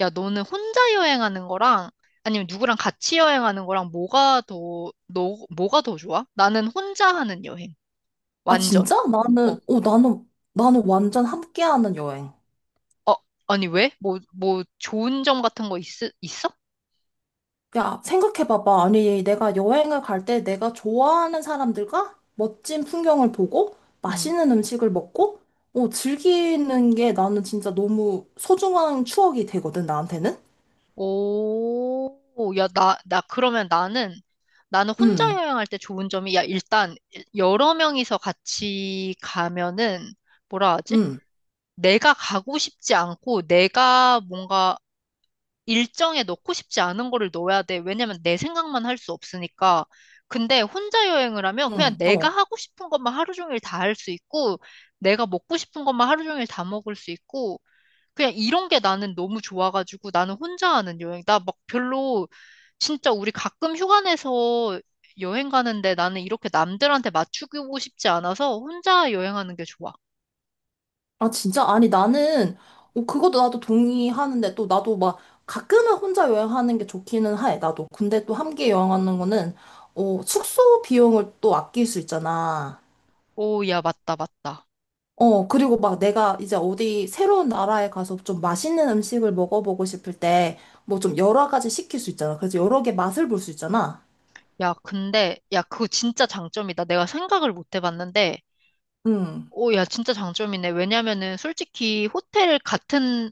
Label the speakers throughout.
Speaker 1: 야, 너는 혼자 여행하는 거랑 아니면 누구랑 같이 여행하는 거랑 뭐가 더, 너, 뭐가 더 좋아? 나는 혼자 하는 여행.
Speaker 2: 아,
Speaker 1: 완전.
Speaker 2: 진짜?
Speaker 1: 어.
Speaker 2: 나는, 나는, 나는 완전 함께하는 여행.
Speaker 1: 아니, 왜? 뭐, 좋은 점 같은 거 있어?
Speaker 2: 야, 생각해봐봐. 아니, 내가 여행을 갈 때 내가 좋아하는 사람들과 멋진 풍경을 보고
Speaker 1: 응.
Speaker 2: 맛있는 음식을 먹고, 즐기는 게 나는 진짜 너무 소중한 추억이 되거든, 나한테는?
Speaker 1: 오, 야, 나, 그러면 나는, 나는 혼자
Speaker 2: 응,
Speaker 1: 여행할 때 좋은 점이, 야, 일단, 여러 명이서 같이 가면은, 뭐라 하지?
Speaker 2: 응,
Speaker 1: 내가 가고 싶지 않고, 내가 뭔가, 일정에 넣고 싶지 않은 거를 넣어야 돼. 왜냐면 내 생각만 할 수 없으니까. 근데 혼자 여행을 하면 그냥
Speaker 2: 응,
Speaker 1: 내가
Speaker 2: 어.
Speaker 1: 하고 싶은 것만 하루 종일 다 할 수 있고, 내가 먹고 싶은 것만 하루 종일 다 먹을 수 있고, 그냥 이런 게 나는 너무 좋아가지고 나는 혼자 하는 여행. 나 막 별로, 진짜 우리 가끔 휴가 내서 여행 가는데 나는 이렇게 남들한테 맞추고 싶지 않아서 혼자 여행하는 게 좋아.
Speaker 2: 아, 진짜? 아니, 나는, 그것도 나도 동의하는데, 또 나도 막, 가끔은 혼자 여행하는 게 좋기는 해, 나도. 근데 또 함께 여행하는 거는, 숙소 비용을 또 아낄 수 있잖아.
Speaker 1: 오, 야, 맞다, 맞다.
Speaker 2: 그리고 막 내가 이제 어디 새로운 나라에 가서 좀 맛있는 음식을 먹어보고 싶을 때, 뭐 좀 여러 가지 시킬 수 있잖아. 그래서 여러 개 맛을 볼 수 있잖아.
Speaker 1: 야, 근데, 야, 그거 진짜 장점이다. 내가 생각을 못 해봤는데,
Speaker 2: 응.
Speaker 1: 오, 야, 진짜 장점이네. 왜냐면은 솔직히 호텔 같은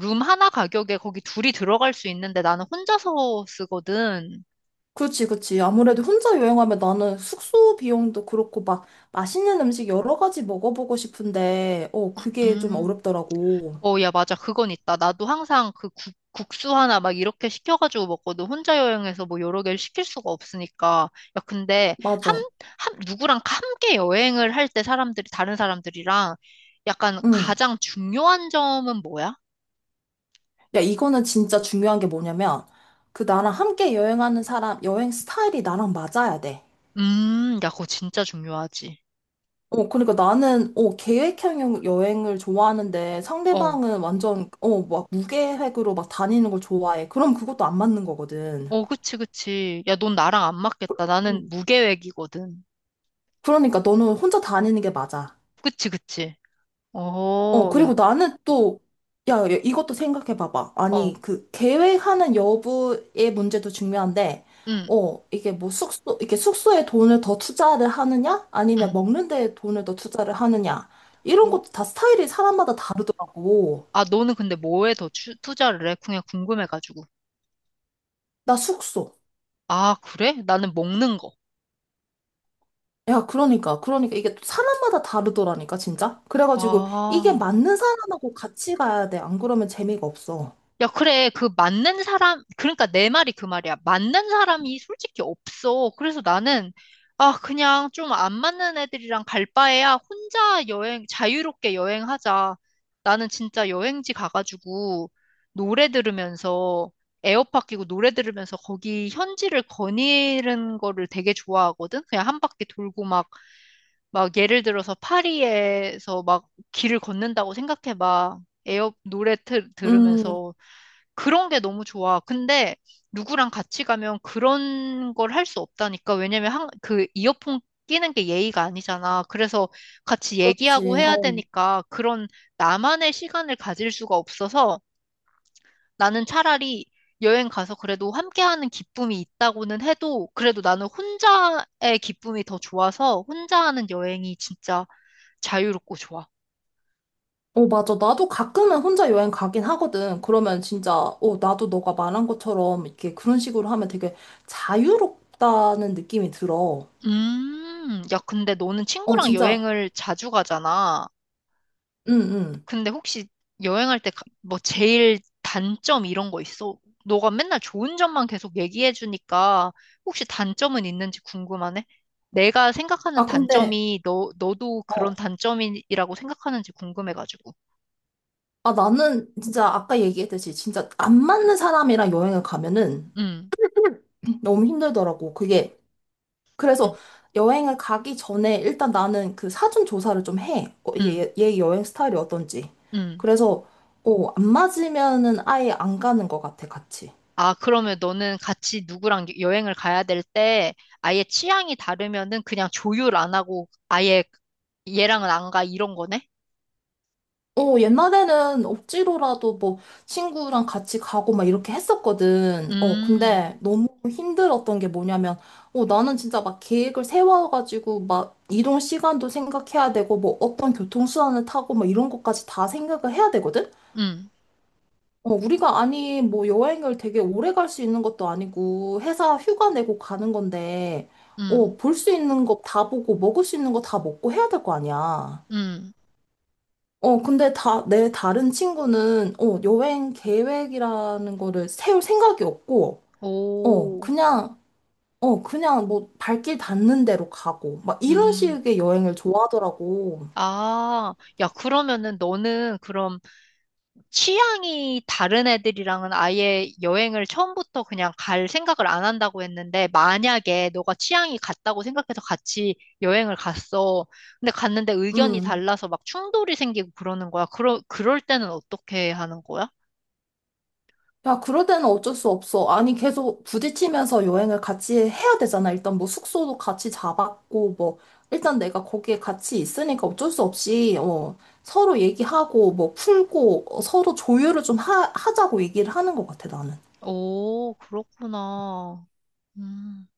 Speaker 1: 룸 하나 가격에 거기 둘이 들어갈 수 있는데 나는 혼자서 쓰거든.
Speaker 2: 그치, 그치. 아무래도 혼자 여행하면 나는 숙소 비용도 그렇고 막 맛있는 음식 여러 가지 먹어보고 싶은데, 그게 좀
Speaker 1: 음.
Speaker 2: 어렵더라고.
Speaker 1: 어, 야, 맞아. 그건 있다. 나도 항상 그 국수 하나 막 이렇게 시켜가지고 먹거든. 혼자 여행해서 뭐 여러 개를 시킬 수가 없으니까. 야, 근데 함,
Speaker 2: 맞아.
Speaker 1: 함, 누구랑 함께 여행을 할 때 사람들이, 다른 사람들이랑 약간
Speaker 2: 응.
Speaker 1: 가장 중요한 점은 뭐야?
Speaker 2: 야, 이거는 진짜 중요한 게 뭐냐면, 그 나랑 함께 여행하는 사람, 여행 스타일이 나랑 맞아야 돼.
Speaker 1: 야, 그거 진짜 중요하지.
Speaker 2: 그러니까 나는, 계획형 여행을 좋아하는데
Speaker 1: 어.
Speaker 2: 상대방은 완전, 막 무계획으로 막 다니는 걸 좋아해. 그럼 그것도 안 맞는 거거든.
Speaker 1: 어, 그치, 그치. 야, 넌 나랑 안 맞겠다. 나는
Speaker 2: 음.
Speaker 1: 무계획이거든.
Speaker 2: 그러니까 너는 혼자 다니는 게 맞아.
Speaker 1: 그치, 그치. 어, 야,
Speaker 2: 그리고 나는 또, 야, 야, 이것도 생각해봐봐. 아니,
Speaker 1: 어,
Speaker 2: 그, 계획하는 여부의 문제도 중요한데,
Speaker 1: 응,
Speaker 2: 이게 뭐 숙소, 이게 숙소에 돈을 더 투자를 하느냐? 아니면
Speaker 1: 응.
Speaker 2: 먹는 데에 돈을 더 투자를 하느냐? 이런
Speaker 1: 오,
Speaker 2: 것도 다 스타일이 사람마다 다르더라고.
Speaker 1: 아, 너는 근데 뭐에 더 투자를 해? 그냥 궁금해가지고.
Speaker 2: 나 숙소.
Speaker 1: 아, 그래? 나는 먹는 거.
Speaker 2: 야, 그러니까, 그러니까 이게 또 사람마다 다르더라니까, 진짜? 그래가지고, 이게
Speaker 1: 아.
Speaker 2: 맞는 사람하고 같이 가야 돼. 안 그러면 재미가 없어.
Speaker 1: 야, 그래. 그 맞는 사람, 그러니까 내 말이 그 말이야. 맞는 사람이 솔직히 없어. 그래서 나는, 아, 그냥 좀 안 맞는 애들이랑 갈 바에야 혼자 여행, 자유롭게 여행하자. 나는 진짜 여행지 가가지고 노래 들으면서, 에어팟 끼고 노래 들으면서 거기 현지를 거니는 거를 되게 좋아하거든? 그냥 한 바퀴 돌고 막 막 예를 들어서 파리에서 막 길을 걷는다고 생각해 봐.
Speaker 2: 음,
Speaker 1: 들으면서 그런 게 너무 좋아. 근데 누구랑 같이 가면 그런 걸 할 수 없다니까. 왜냐면 한, 그 이어폰 끼는 게 예의가 아니잖아. 그래서 같이 얘기하고
Speaker 2: 그렇지.
Speaker 1: 해야
Speaker 2: 어.
Speaker 1: 되니까 그런 나만의 시간을 가질 수가 없어서 나는 차라리 여행 가서 그래도 함께하는 기쁨이 있다고는 해도 그래도 나는 혼자의 기쁨이 더 좋아서 혼자 하는 여행이 진짜 자유롭고 좋아.
Speaker 2: 어, 맞아. 나도 가끔은 혼자 여행 가긴 하거든. 그러면 진짜, 나도 너가 말한 것처럼 이렇게 그런 식으로 하면 되게 자유롭다는 느낌이 들어.
Speaker 1: 야, 근데 너는
Speaker 2: 어,
Speaker 1: 친구랑
Speaker 2: 진짜,
Speaker 1: 여행을 자주 가잖아.
Speaker 2: 응, 응.
Speaker 1: 근데 혹시 여행할 때 뭐 제일 단점 이런 거 있어? 너가 맨날 좋은 점만 계속 얘기해 주니까 혹시 단점은 있는지 궁금하네? 내가 생각하는
Speaker 2: 아, 근데,
Speaker 1: 단점이 너, 너도 그런
Speaker 2: 어,
Speaker 1: 단점이라고 생각하는지 궁금해가지고.
Speaker 2: 아, 나는 진짜 아까 얘기했듯이 진짜 안 맞는 사람이랑 여행을 가면은
Speaker 1: 응,
Speaker 2: 너무 힘들더라고. 그게,
Speaker 1: 응,
Speaker 2: 그래서 여행을 가기 전에 일단 나는 그 사전 조사를 좀 해. 이게
Speaker 1: 응,
Speaker 2: 얘, 얘 여행 스타일이 어떤지.
Speaker 1: 응.
Speaker 2: 그래서, 안 맞으면은 아예 안 가는 것 같아, 같이.
Speaker 1: 아, 그러면 너는 같이 누구랑 여행을 가야 될 때 아예 취향이 다르면은 그냥 조율 안 하고 아예 얘랑은 안 가 이런 거네?
Speaker 2: 옛날에는 억지로라도 뭐 친구랑 같이 가고 막 이렇게 했었거든.
Speaker 1: 음,
Speaker 2: 근데 너무 힘들었던 게 뭐냐면, 나는 진짜 막 계획을 세워가지고 막 이동 시간도 생각해야 되고 뭐 어떤 교통수단을 타고 막 이런 것까지 다 생각을 해야 되거든?
Speaker 1: 음,
Speaker 2: 우리가 아니 뭐 여행을 되게 오래 갈 수 있는 것도 아니고 회사 휴가 내고 가는 건데,
Speaker 1: 음,
Speaker 2: 볼 수 있는 거 다 보고 먹을 수 있는 거 다 먹고 해야 될 거 아니야.
Speaker 1: 음.
Speaker 2: 근데 다, 내 다른 친구는, 여행 계획이라는 거를 세울 생각이 없고,
Speaker 1: 오,
Speaker 2: 그냥, 그냥 뭐 발길 닿는 대로 가고, 막 이런
Speaker 1: 음.
Speaker 2: 식의 여행을 좋아하더라고.
Speaker 1: 아, 야, 그러면은 너는 그럼 취향이 다른 애들이랑은 아예 여행을 처음부터 그냥 갈 생각을 안 한다고 했는데, 만약에 너가 취향이 같다고 생각해서 같이 여행을 갔어. 근데 갔는데 의견이
Speaker 2: 음.
Speaker 1: 달라서 막 충돌이 생기고 그러는 거야. 그럴 때는 어떻게 하는 거야?
Speaker 2: 야, 그럴 때는 어쩔 수 없어. 아니, 계속 부딪히면서 여행을 같이 해야 되잖아. 일단 뭐 숙소도 같이 잡았고, 뭐, 일단 내가 거기에 같이 있으니까 어쩔 수 없이, 서로 얘기하고, 뭐 풀고, 서로 조율을 좀 하, 하자고 얘기를 하는 것 같아, 나는.
Speaker 1: 오, 그렇구나. 음.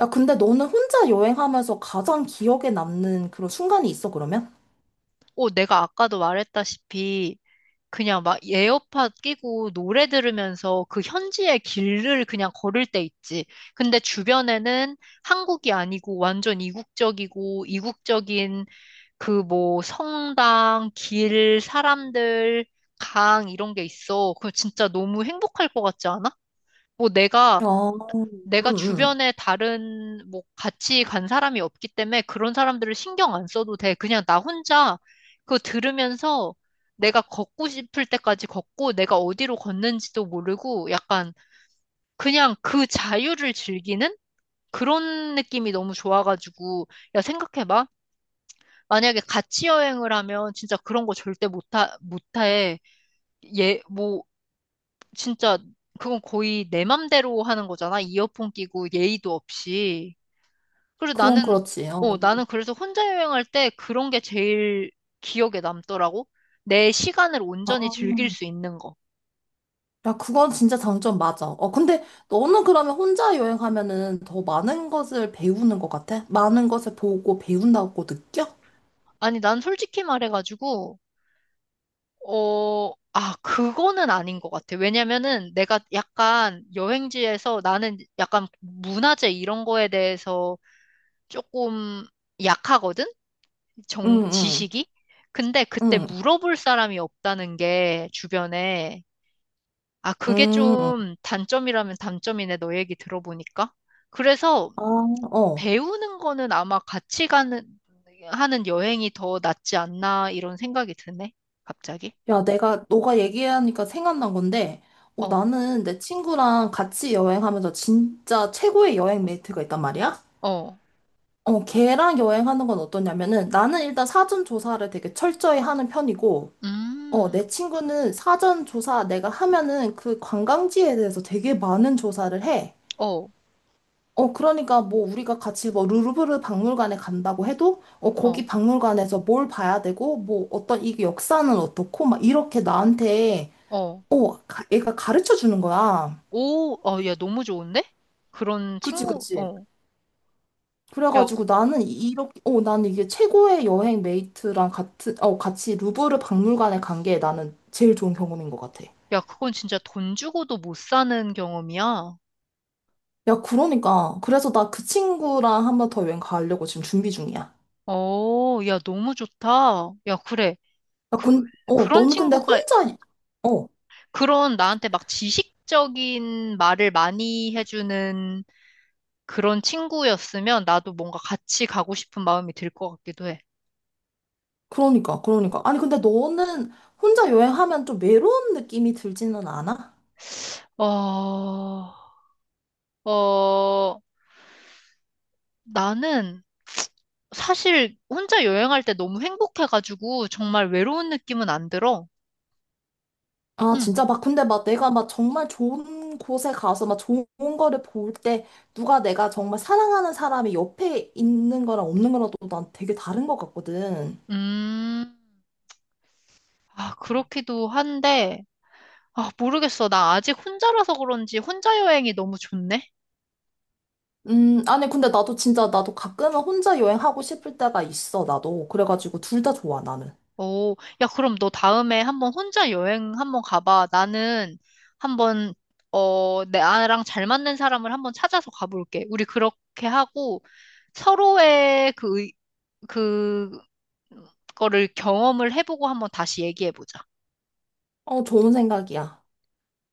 Speaker 2: 야, 근데 너는 혼자 여행하면서 가장 기억에 남는 그런 순간이 있어, 그러면?
Speaker 1: 오, 내가 아까도 말했다시피 그냥 막 에어팟 끼고 노래 들으면서 그 현지의 길을 그냥 걸을 때 있지. 근데 주변에는 한국이 아니고 완전 이국적이고 이국적인 그 뭐 성당, 길, 사람들, 강 이런 게 있어. 그거 진짜 너무 행복할 것 같지 않아? 뭐
Speaker 2: 어, 응,
Speaker 1: 내가
Speaker 2: 응.
Speaker 1: 주변에 다른 뭐 같이 간 사람이 없기 때문에 그런 사람들을 신경 안 써도 돼. 그냥 나 혼자 그거 들으면서 내가 걷고 싶을 때까지 걷고 내가 어디로 걷는지도 모르고 약간 그냥 그 자유를 즐기는 그런 느낌이 너무 좋아가지고 야 생각해봐. 만약에 같이 여행을 하면 진짜 그런 거 절대 못해. 예, 뭐 진짜 그건 거의 내 맘대로 하는 거잖아. 이어폰 끼고 예의도 없이. 그래서 나는,
Speaker 2: 그건 그렇지.
Speaker 1: 어,
Speaker 2: 어.
Speaker 1: 나는 그래서 혼자 여행할 때 그런 게 제일 기억에 남더라고. 내 시간을 온전히 즐길 수 있는 거.
Speaker 2: 야, 그건 진짜 장점 맞아. 근데 너는 그러면 혼자 여행하면은 더 많은 것을 배우는 것 같아? 많은 것을 보고 배운다고 느껴?
Speaker 1: 아니, 난 솔직히 말해가지고, 어, 아, 그거는 아닌 것 같아. 왜냐면은 내가 약간 여행지에서 나는 약간 문화재 이런 거에 대해서 조금 약하거든?
Speaker 2: 응, 응,
Speaker 1: 지식이? 근데 그때
Speaker 2: 응,
Speaker 1: 물어볼 사람이 없다는 게 주변에. 아, 그게
Speaker 2: 응.
Speaker 1: 좀 단점이라면 단점이네, 너 얘기 들어보니까. 그래서
Speaker 2: 아, 어.
Speaker 1: 배우는 거는 아마 하는 여행이 더 낫지 않나, 이런 생각이 드네, 갑자기.
Speaker 2: 야, 내가, 너가 얘기하니까 생각난 건데,
Speaker 1: 어,
Speaker 2: 나는 내 친구랑 같이 여행하면서 진짜 최고의 여행 메이트가 있단 말이야?
Speaker 1: 어,
Speaker 2: 걔랑 여행하는 건 어떠냐면은 나는 일단 사전 조사를 되게 철저히 하는 편이고,
Speaker 1: 음,
Speaker 2: 내 친구는 사전 조사 내가 하면은 그 관광지에 대해서 되게 많은 조사를 해.
Speaker 1: 어,
Speaker 2: 그러니까 뭐 우리가 같이 뭐 루브르 박물관에 간다고 해도,
Speaker 1: 어,
Speaker 2: 거기 박물관에서 뭘 봐야 되고, 뭐 어떤 이 역사는 어떻고, 막 이렇게 나한테,
Speaker 1: 어.
Speaker 2: 가- 얘가 가르쳐 주는 거야.
Speaker 1: 오, 어, 야, 너무 좋은데? 그런
Speaker 2: 그치,
Speaker 1: 친구,
Speaker 2: 그치.
Speaker 1: 어. 야,
Speaker 2: 그래가지고 나는 이렇게, 나는 이게 최고의 여행 메이트랑 같은, 같이 루브르 박물관에 간 게 나는 제일 좋은 경험인 것 같아.
Speaker 1: 야, 그건 진짜 돈 주고도 못 사는 경험이야.
Speaker 2: 야, 그러니까. 그래서 나 그 친구랑 한번 더 여행 가려고 지금 준비 중이야.
Speaker 1: 어, 야, 너무 좋다. 야, 그래.
Speaker 2: 야,
Speaker 1: 그,
Speaker 2: 근,
Speaker 1: 그런
Speaker 2: 너는 근데
Speaker 1: 친구가
Speaker 2: 혼자, 이- 어,
Speaker 1: 그런 나한테 막 지식적인 말을 많이 해주는 그런 친구였으면 나도 뭔가 같이 가고 싶은 마음이 들 것 같기도 해.
Speaker 2: 그러니까, 그러니까. 아니, 근데 너는 혼자 여행하면 좀 외로운 느낌이 들지는 않아?
Speaker 1: 어, 어, 나는 사실 혼자 여행할 때 너무 행복해가지고 정말 외로운 느낌은 안 들어.
Speaker 2: 아,
Speaker 1: 응,
Speaker 2: 진짜 막, 근데 막 내가 막 정말 좋은 곳에 가서 막 좋은 거를 볼 때, 누가 내가 정말 사랑하는 사람이 옆에 있는 거랑 없는 거랑 또 난 되게 다른 것 같거든.
Speaker 1: 음, 아, 그렇기도 한데, 아, 모르겠어. 나 아직 혼자라서 그런지 혼자 여행이 너무 좋네.
Speaker 2: 아니, 근데 나도 진짜, 나도 가끔은 혼자 여행하고 싶을 때가 있어, 나도. 그래가지고 둘 다 좋아, 나는.
Speaker 1: 오, 야, 그럼 너 다음에 한번 혼자 여행 한번 가봐. 나는 한번, 어, 나랑 잘 맞는 사람을 한번 찾아서 가볼게. 우리 그렇게 하고 서로의 그, 거를 경험을 해보고 한번 다시 얘기해보자.
Speaker 2: 어, 좋은 생각이야.